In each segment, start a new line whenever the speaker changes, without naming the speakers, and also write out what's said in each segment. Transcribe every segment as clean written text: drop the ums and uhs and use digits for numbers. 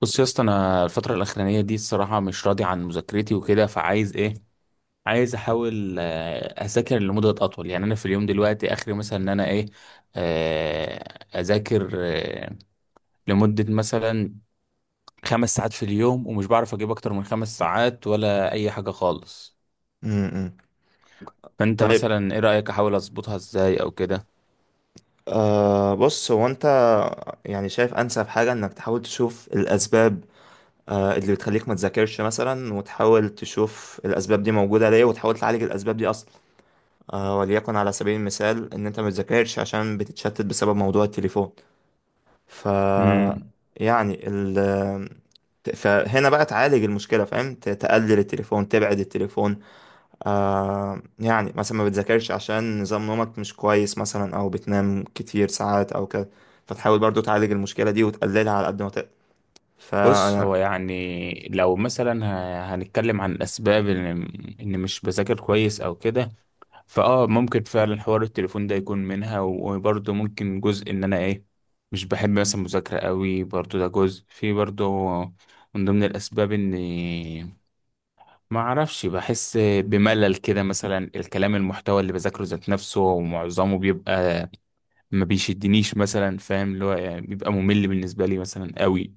بص يا اسطى، انا الفتره الاخرانيه دي الصراحه مش راضي عن مذاكرتي وكده، فعايز ايه؟ عايز احاول، اذاكر لمده اطول. يعني انا في اليوم دلوقتي اخري، مثلا ان انا ايه، آه، اذاكر لمده مثلا خمس ساعات في اليوم، ومش بعرف اجيب اكتر من خمس ساعات ولا اي حاجه خالص.
امم
فانت
طيب.
مثلا ايه رايك؟ احاول اظبطها ازاي او كده؟
بص، هو انت يعني شايف انسب حاجة انك تحاول تشوف الاسباب، اللي بتخليك ما تذاكرش مثلا، وتحاول تشوف الاسباب دي موجودة ليه، وتحاول تعالج الاسباب دي اصلا. وليكن على سبيل المثال ان انت ما بتذاكرش عشان بتتشتت بسبب موضوع التليفون. ف
امم.
يعني ال فهنا بقى تعالج المشكلة. فاهم، تقلل التليفون، تبعد التليفون. يعني مثلا ما بتذاكرش عشان نظام نومك مش كويس مثلا، او بتنام كتير ساعات او كده. فتحاول برضو تعالج المشكلة دي وتقللها على قد ما تقدر.
بص،
فانا.
هو يعني لو مثلا هنتكلم عن الاسباب إن مش بذاكر كويس او كده، فاه ممكن فعلا حوار التليفون ده يكون منها، وبرضه ممكن جزء ان انا ايه، مش بحب مثلا مذاكرة قوي، برضه ده جزء في، برضه من ضمن الاسباب. اني ما اعرفش، بحس بملل كده مثلا، الكلام المحتوى اللي بذاكره ذات نفسه ومعظمه بيبقى ما بيشدنيش مثلا، فاهم، اللي هو يعني بيبقى ممل بالنسبة لي مثلا قوي.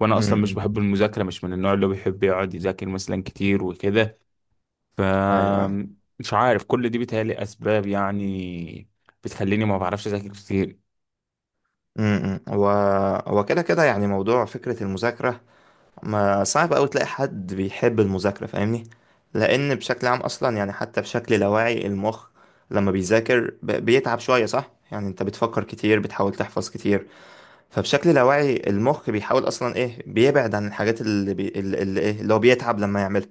وانا
م-
اصلا مش
م.
بحب المذاكرة، مش من النوع اللي هو بيحب يقعد يذاكر مثلا كتير وكده. ف
ايوه.
مش عارف، كل دي بيتهيألي أسباب يعني بتخليني ما بعرفش أذاكر كتير.
م- م. هو، هو كده يعني. موضوع فكرة المذاكرة ما صعب أوي تلاقي حد بيحب المذاكرة، فاهمني؟ لأن بشكل عام أصلا، يعني حتى بشكل لاواعي، المخ لما بيذاكر بيتعب شوية، صح؟ يعني أنت بتفكر كتير، بتحاول تحفظ كتير. فبشكل لاواعي المخ بيحاول اصلا ايه، بيبعد عن الحاجات اللي ايه، اللي هو بيتعب لما يعملها.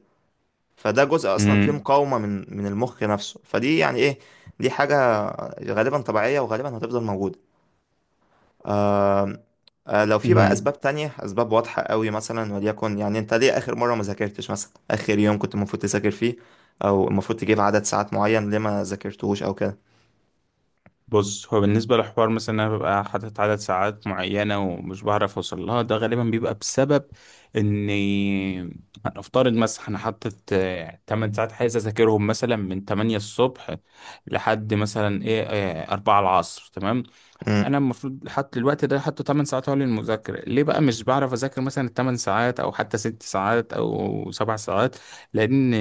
فده جزء اصلا فيه
امم،
مقاومة من المخ نفسه، فدي يعني ايه، دي حاجة غالبا طبيعية وغالبا هتفضل موجودة. آم، لو في بقى
امم.
اسباب تانية، اسباب واضحة قوي مثلا، وليكن يعني انت ليه اخر مرة ما ذاكرتش مثلا؟ اخر يوم كنت المفروض تذاكر فيه او المفروض تجيب عدد ساعات معين، ليه ما ذاكرتوش او كده؟
بص، هو بالنسبة لحوار مثلا إن أنا ببقى حاطط عدد ساعات معينة ومش بعرف أوصل لها، ده غالبا بيبقى بسبب إني، هنفترض مثلا أنا حاطط 8 ساعات عايز أذاكرهم، مثلا من 8 الصبح لحد مثلا إيه، 4 العصر، تمام. انا
مم،
المفروض حط الوقت ده، حطه 8 ساعات هو للمذاكره، ليه بقى مش بعرف اذاكر مثلا 8 ساعات، او حتى 6 ساعات او 7 ساعات؟ لان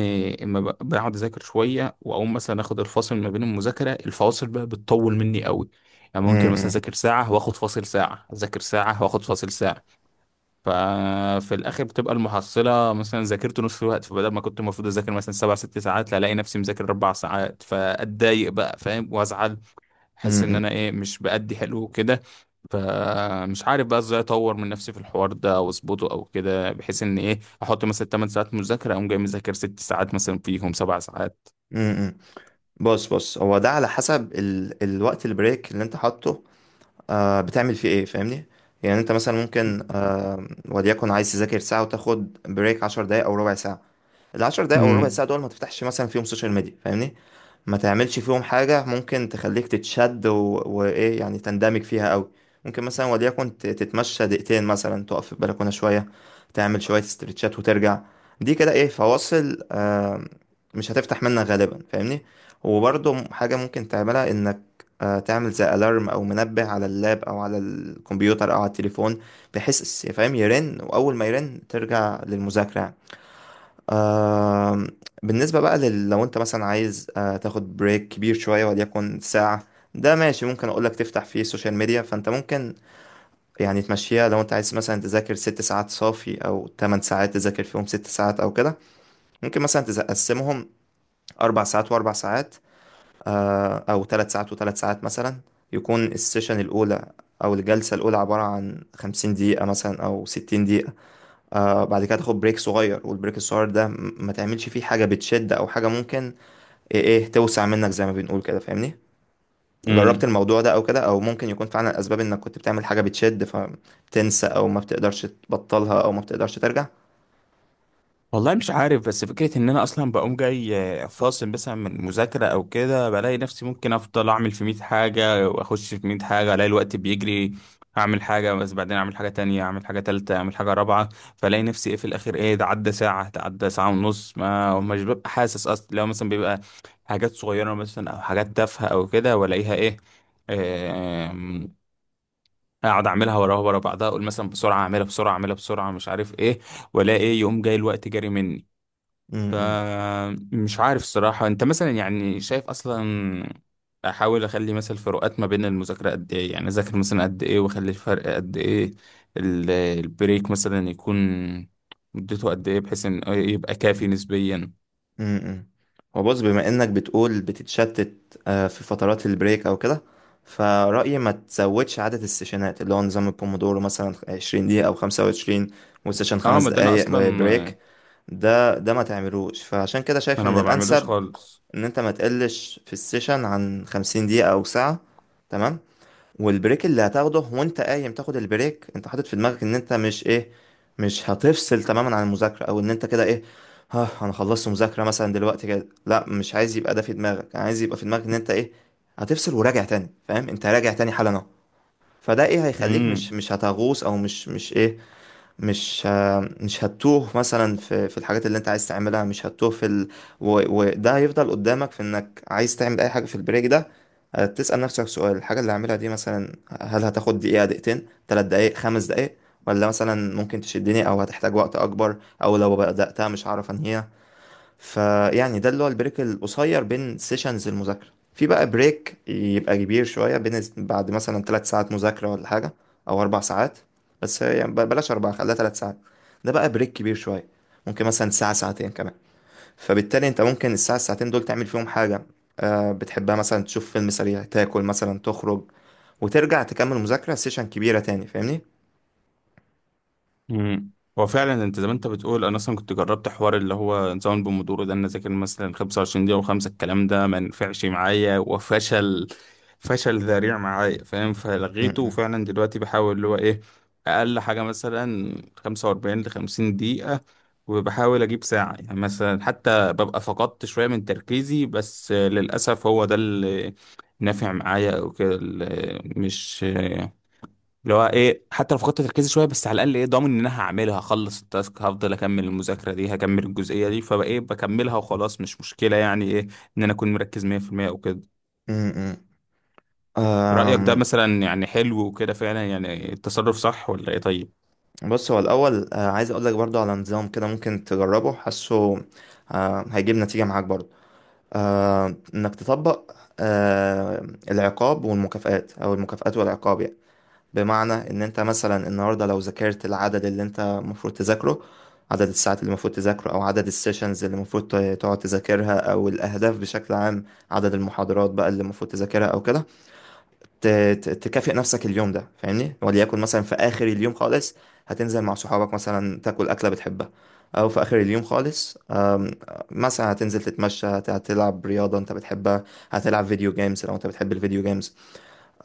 اما بقعد اذاكر شويه واقوم مثلا اخد الفاصل، ما بين المذاكره الفواصل بقى بتطول مني قوي. يعني ممكن
مم،
مثلا
مم،
اذاكر ساعه واخد فاصل ساعه، اذاكر ساعه واخد فاصل ساعه. ففي الاخر بتبقى المحصله مثلا ذاكرت نص الوقت، فبدل ما كنت المفروض اذاكر مثلا سبع ست ساعات، لا الاقي نفسي مذاكر اربع ساعات، فاتضايق بقى، فاهم، وازعل. احس ان
مم،
انا ايه، مش بأدي حلو كده. فمش عارف بقى ازاي اطور من نفسي في الحوار ده واظبطه او كده، بحيث ان ايه، احط مثلا 8 ساعات مذاكره، اقوم جاي مذاكر 6 ساعات مثلا، فيهم 7 ساعات.
مم، مم. بص بص، هو ده على حسب الوقت البريك اللي انت حاطه، بتعمل فيه ايه، فاهمني؟ يعني انت مثلا ممكن وليكن عايز تذاكر ساعة وتاخد بريك عشر دقايق او ربع ساعة. العشر دقايق او ربع ساعة دول ما تفتحش مثلا فيهم سوشيال ميديا، فاهمني. ما تعملش فيهم حاجة ممكن تخليك تتشد وإيه يعني، تندمج فيها أوي. ممكن مثلا وليكن تتمشى دقيقتين مثلا، تقف في البلكونة شوية، تعمل شوية استرتشات وترجع. دي كده إيه، فواصل آه، مش هتفتح منك غالبا، فاهمني. وبرضه حاجة ممكن تعملها، إنك تعمل زي ألارم أو منبه على اللاب أو على الكمبيوتر أو على التليفون، بحيث فاهم يرن، وأول ما يرن ترجع للمذاكرة. آم، بالنسبة بقى لو انت مثلا عايز تاخد بريك كبير شوية وليكن ساعة، ده ماشي. ممكن اقولك تفتح فيه السوشيال ميديا. فانت ممكن يعني تمشيها. لو انت عايز مثلا تذاكر ست ساعات صافي او تمن ساعات تذاكر فيهم ست ساعات او كده، ممكن مثلا تقسمهم اربع ساعات واربع ساعات، او ثلاث ساعات وثلاث ساعات مثلا. يكون السيشن الاولى او الجلسة الاولى عبارة عن خمسين دقيقة مثلا او ستين دقيقة. بعد كده تاخد بريك صغير. والبريك الصغير ده ما تعملش فيه حاجة بتشد أو حاجة ممكن إيه, توسع منك، زي ما بنقول كده، فاهمني. جربت
امم.
الموضوع ده أو كده؟ أو ممكن يكون فعلا الأسباب إنك كنت بتعمل حاجة بتشد فتنسى، أو ما بتقدرش تبطلها، أو ما بتقدرش ترجع.
والله مش عارف، بس فكرة ان انا اصلا بقوم جاي فاصل مثلا من المذاكرة او كده، بلاقي نفسي ممكن افضل اعمل في 100 حاجة واخش في 100 حاجة، الاقي الوقت بيجري. اعمل حاجة، بس بعدين اعمل حاجة تانية، اعمل حاجة تالتة، اعمل حاجة رابعة، فلاقي نفسي ايه في الاخر، ايه ده، عدى ساعة، ده عدى ساعة ونص، ما مش ببقى حاسس اصلا. لو مثلا بيبقى حاجات صغيرة مثلا او حاجات تافهة او كده، والاقيها ايه، آم، اقعد اعملها وراها ورا بعضها، اقول مثلا بسرعه اعملها بسرعه اعملها بسرعه، مش عارف ايه ولا ايه، يقوم جاي الوقت جاري مني.
امم.
فمش عارف الصراحة، انت مثلا يعني شايف اصلا احاول اخلي مثلا فروقات ما بين المذاكرة قد ايه، يعني اذاكر مثلا قد ايه واخلي الفرق قد ايه؟ البريك مثلا يكون مدته قد ايه، بحيث ان يبقى كافي نسبيا؟
امم. هو بص، بما انك بتقول بتتشتت في فترات البريك او كده، فرأيي ما تزودش عدد السيشنات. اللي هو نظام البومودورو مثلا 20 دقيقة او 25 وسيشن
اه،
خمس
ما ده انا
دقايق
اصلا،
بريك، ده ما تعملوش. فعشان كده شايف
انا
ان
ما بعملوش
الانسب
خالص.
ان انت ما تقلش في السيشن عن 50 دقيقة او ساعة، تمام. والبريك اللي هتاخده وانت قايم تاخد البريك، انت حاطط في دماغك ان انت مش ايه، مش هتفصل تماما عن المذاكرة، او ان انت كده ايه، ها انا خلصت مذاكرة مثلا دلوقتي كده. لا، مش عايز يبقى ده في دماغك، انا عايز يبقى في دماغك ان انت ايه، هتفصل وراجع تاني، فاهم، انت راجع تاني حالا اهو. فده ايه، هيخليك مش
مم.
مش هتغوص، او مش ايه، مش هتتوه مثلا في الحاجات اللي انت عايز تعملها، مش هتتوه في و... وده هيفضل قدامك، في انك عايز تعمل اي حاجة في البريك ده، تسأل نفسك سؤال: الحاجة اللي هعملها دي مثلا هل هتاخد دقيقة، دقيقتين، تلات دقايق، خمس دقايق؟ ولا مثلا ممكن تشدني او هتحتاج وقت اكبر، او لو بدأتها مش هعرف انهيها؟ فيعني ده اللي هو البريك القصير بين سيشنز المذاكرة. في بقى بريك يبقى كبير شوية بين، بعد مثلا ثلاث ساعات مذاكرة ولا حاجة، أو أربع ساعات. بس يعني بلاش أربعة، خليها ثلاث ساعات. ده بقى بريك كبير شوية، ممكن مثلا ساعة، ساعتين كمان. فبالتالي أنت ممكن الساعة الساعتين دول تعمل فيهم حاجة بتحبها مثلا، تشوف فيلم سريع، تاكل مثلا، تخرج، وترجع تكمل مذاكرة سيشن كبيرة تاني، فاهمني؟
مم. هو فعلا انت زي ما انت بتقول، انا اصلا كنت جربت حوار اللي هو نظام البومودورو ده، ان أنا اذاكر مثلا 25 دقيقه وخمسه، الكلام ده ما نفعش معايا، وفشل فشل ذريع معايا، فاهم،
م-
فلغيته.
م-
وفعلا دلوقتي بحاول اللي هو ايه، اقل حاجه مثلا 45 ل 50 دقيقه، وبحاول اجيب ساعه، يعني مثلا حتى ببقى فقدت شويه من تركيزي، بس للاسف هو ده اللي نافع معايا او كده، اللي مش اللي هو ايه، حتى لو فقدت تركيزي شويه، بس على الاقل ايه، ضامن ان انا هعملها، هخلص التاسك، هفضل اكمل المذاكره دي، هكمل الجزئيه دي، فبقى ايه بكملها وخلاص. مش مشكله يعني ايه، ان انا اكون مركز 100% او كده.
م- م.
رايك ده
أم،
مثلا يعني حلو وكده؟ فعلا يعني التصرف صح ولا ايه؟ طيب.
بص، هو الأول عايز أقولك برضو على نظام كده ممكن تجربه، حاسه هيجيب نتيجة معاك برضو، إنك تطبق العقاب والمكافآت أو المكافآت والعقاب يعني. بمعنى إن أنت مثلا النهاردة لو ذاكرت العدد اللي أنت المفروض تذاكره، عدد الساعات اللي المفروض تذاكره أو عدد السيشنز اللي المفروض تقعد تذاكرها، أو الأهداف بشكل عام، عدد المحاضرات بقى اللي المفروض تذاكرها أو كده، ت- تكافئ نفسك اليوم ده، فاهمني. وليكن مثلا في اخر اليوم خالص هتنزل مع صحابك مثلا، تاكل اكله بتحبها، او في اخر اليوم خالص مثلا هتنزل تتمشى، هتلعب رياضه انت بتحبها، هتلعب فيديو جيمز لو انت بتحب الفيديو جيمز.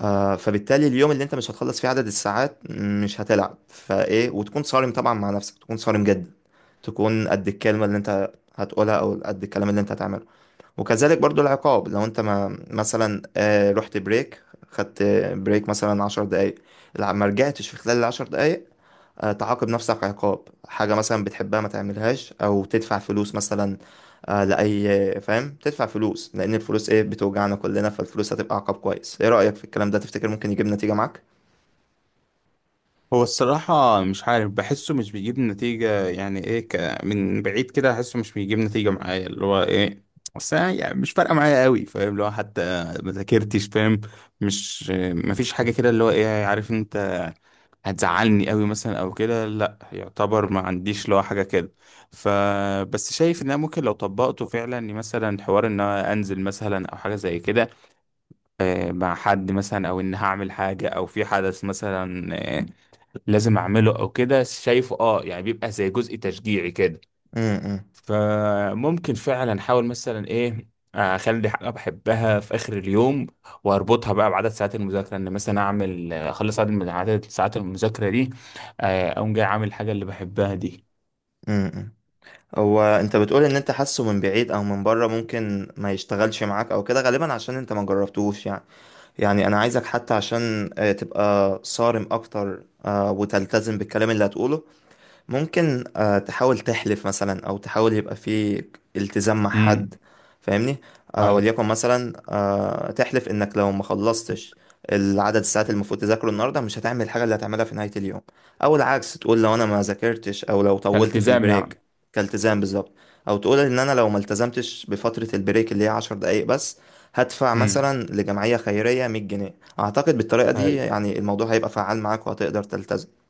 فبالتالي اليوم اللي انت مش هتخلص فيه عدد الساعات مش هتلعب. فايه، وتكون صارم طبعا مع نفسك، تكون صارم جدا، تكون قد الكلمه اللي انت هتقولها او قد الكلام اللي انت هتعمله. وكذلك برضو العقاب، لو انت ما مثلا رحت بريك، خدت بريك مثلا عشر دقايق، لا، ما رجعتش في خلال العشر دقايق، تعاقب نفسك عقاب، حاجة مثلا بتحبها ما تعملهاش، أو تدفع فلوس مثلا. لأي، فاهم، تدفع فلوس لأن الفلوس إيه، بتوجعنا كلنا، فالفلوس هتبقى عقاب كويس. إيه رأيك في الكلام ده؟ تفتكر ممكن يجيب نتيجة معاك؟
هو الصراحة مش عارف، بحسه مش بيجيب نتيجة يعني ايه، من بعيد كده احسه مش بيجيب نتيجة معايا اللي هو ايه. بس أنا يعني مش فارقة معايا قوي، فاهم، اللي هو حتى ما ذاكرتش، فاهم، مش، مفيش حاجة كده اللي هو ايه، عارف انت هتزعلني قوي مثلا او كده، لا، يعتبر ما عنديش لو حاجه كده. فبس شايف ان انا ممكن لو طبقته فعلا، إني مثلا حوار ان انا انزل مثلا او حاجه زي كده مع حد مثلا، او ان هعمل حاجه او في حدث مثلا آه، لازم اعمله او كده، شايفه اه، يعني بيبقى زي جزء تشجيعي كده.
امم.
فممكن فعلا احاول مثلا ايه، اخلي حاجه بحبها في اخر اليوم، واربطها بقى بعدد ساعات المذاكره، ان مثلا اعمل اخلص عدد من عدد ساعات المذاكره دي، اقوم جاي عامل الحاجه اللي بحبها دي.
امم. هو انت بتقول ان انت حاسه من بعيد او من بره ممكن ما يشتغلش معاك او كده، غالبا عشان انت ما جربتوش يعني. يعني انا عايزك حتى عشان تبقى صارم اكتر، وتلتزم بالكلام اللي هتقوله. ممكن تحاول تحلف مثلا، او تحاول يبقى في التزام مع حد،
امم،
فاهمني.
ايوه،
وليكن مثلا تحلف انك لو ما خلصتش العدد الساعات المفروض تذاكره النهارده، مش هتعمل الحاجه اللي هتعملها في نهايه اليوم. او العكس، تقول لو انا ما ذاكرتش او لو طولت في
كالتزام
البريك،
يعني.
كالتزام بالظبط. او تقول ان انا لو ما التزمتش بفتره البريك اللي هي عشر دقايق بس، هدفع
امم.
مثلا لجمعيه خيريه 100 جنيه. اعتقد بالطريقه دي يعني الموضوع هيبقى فعال معاك، وهتقدر تلتزم.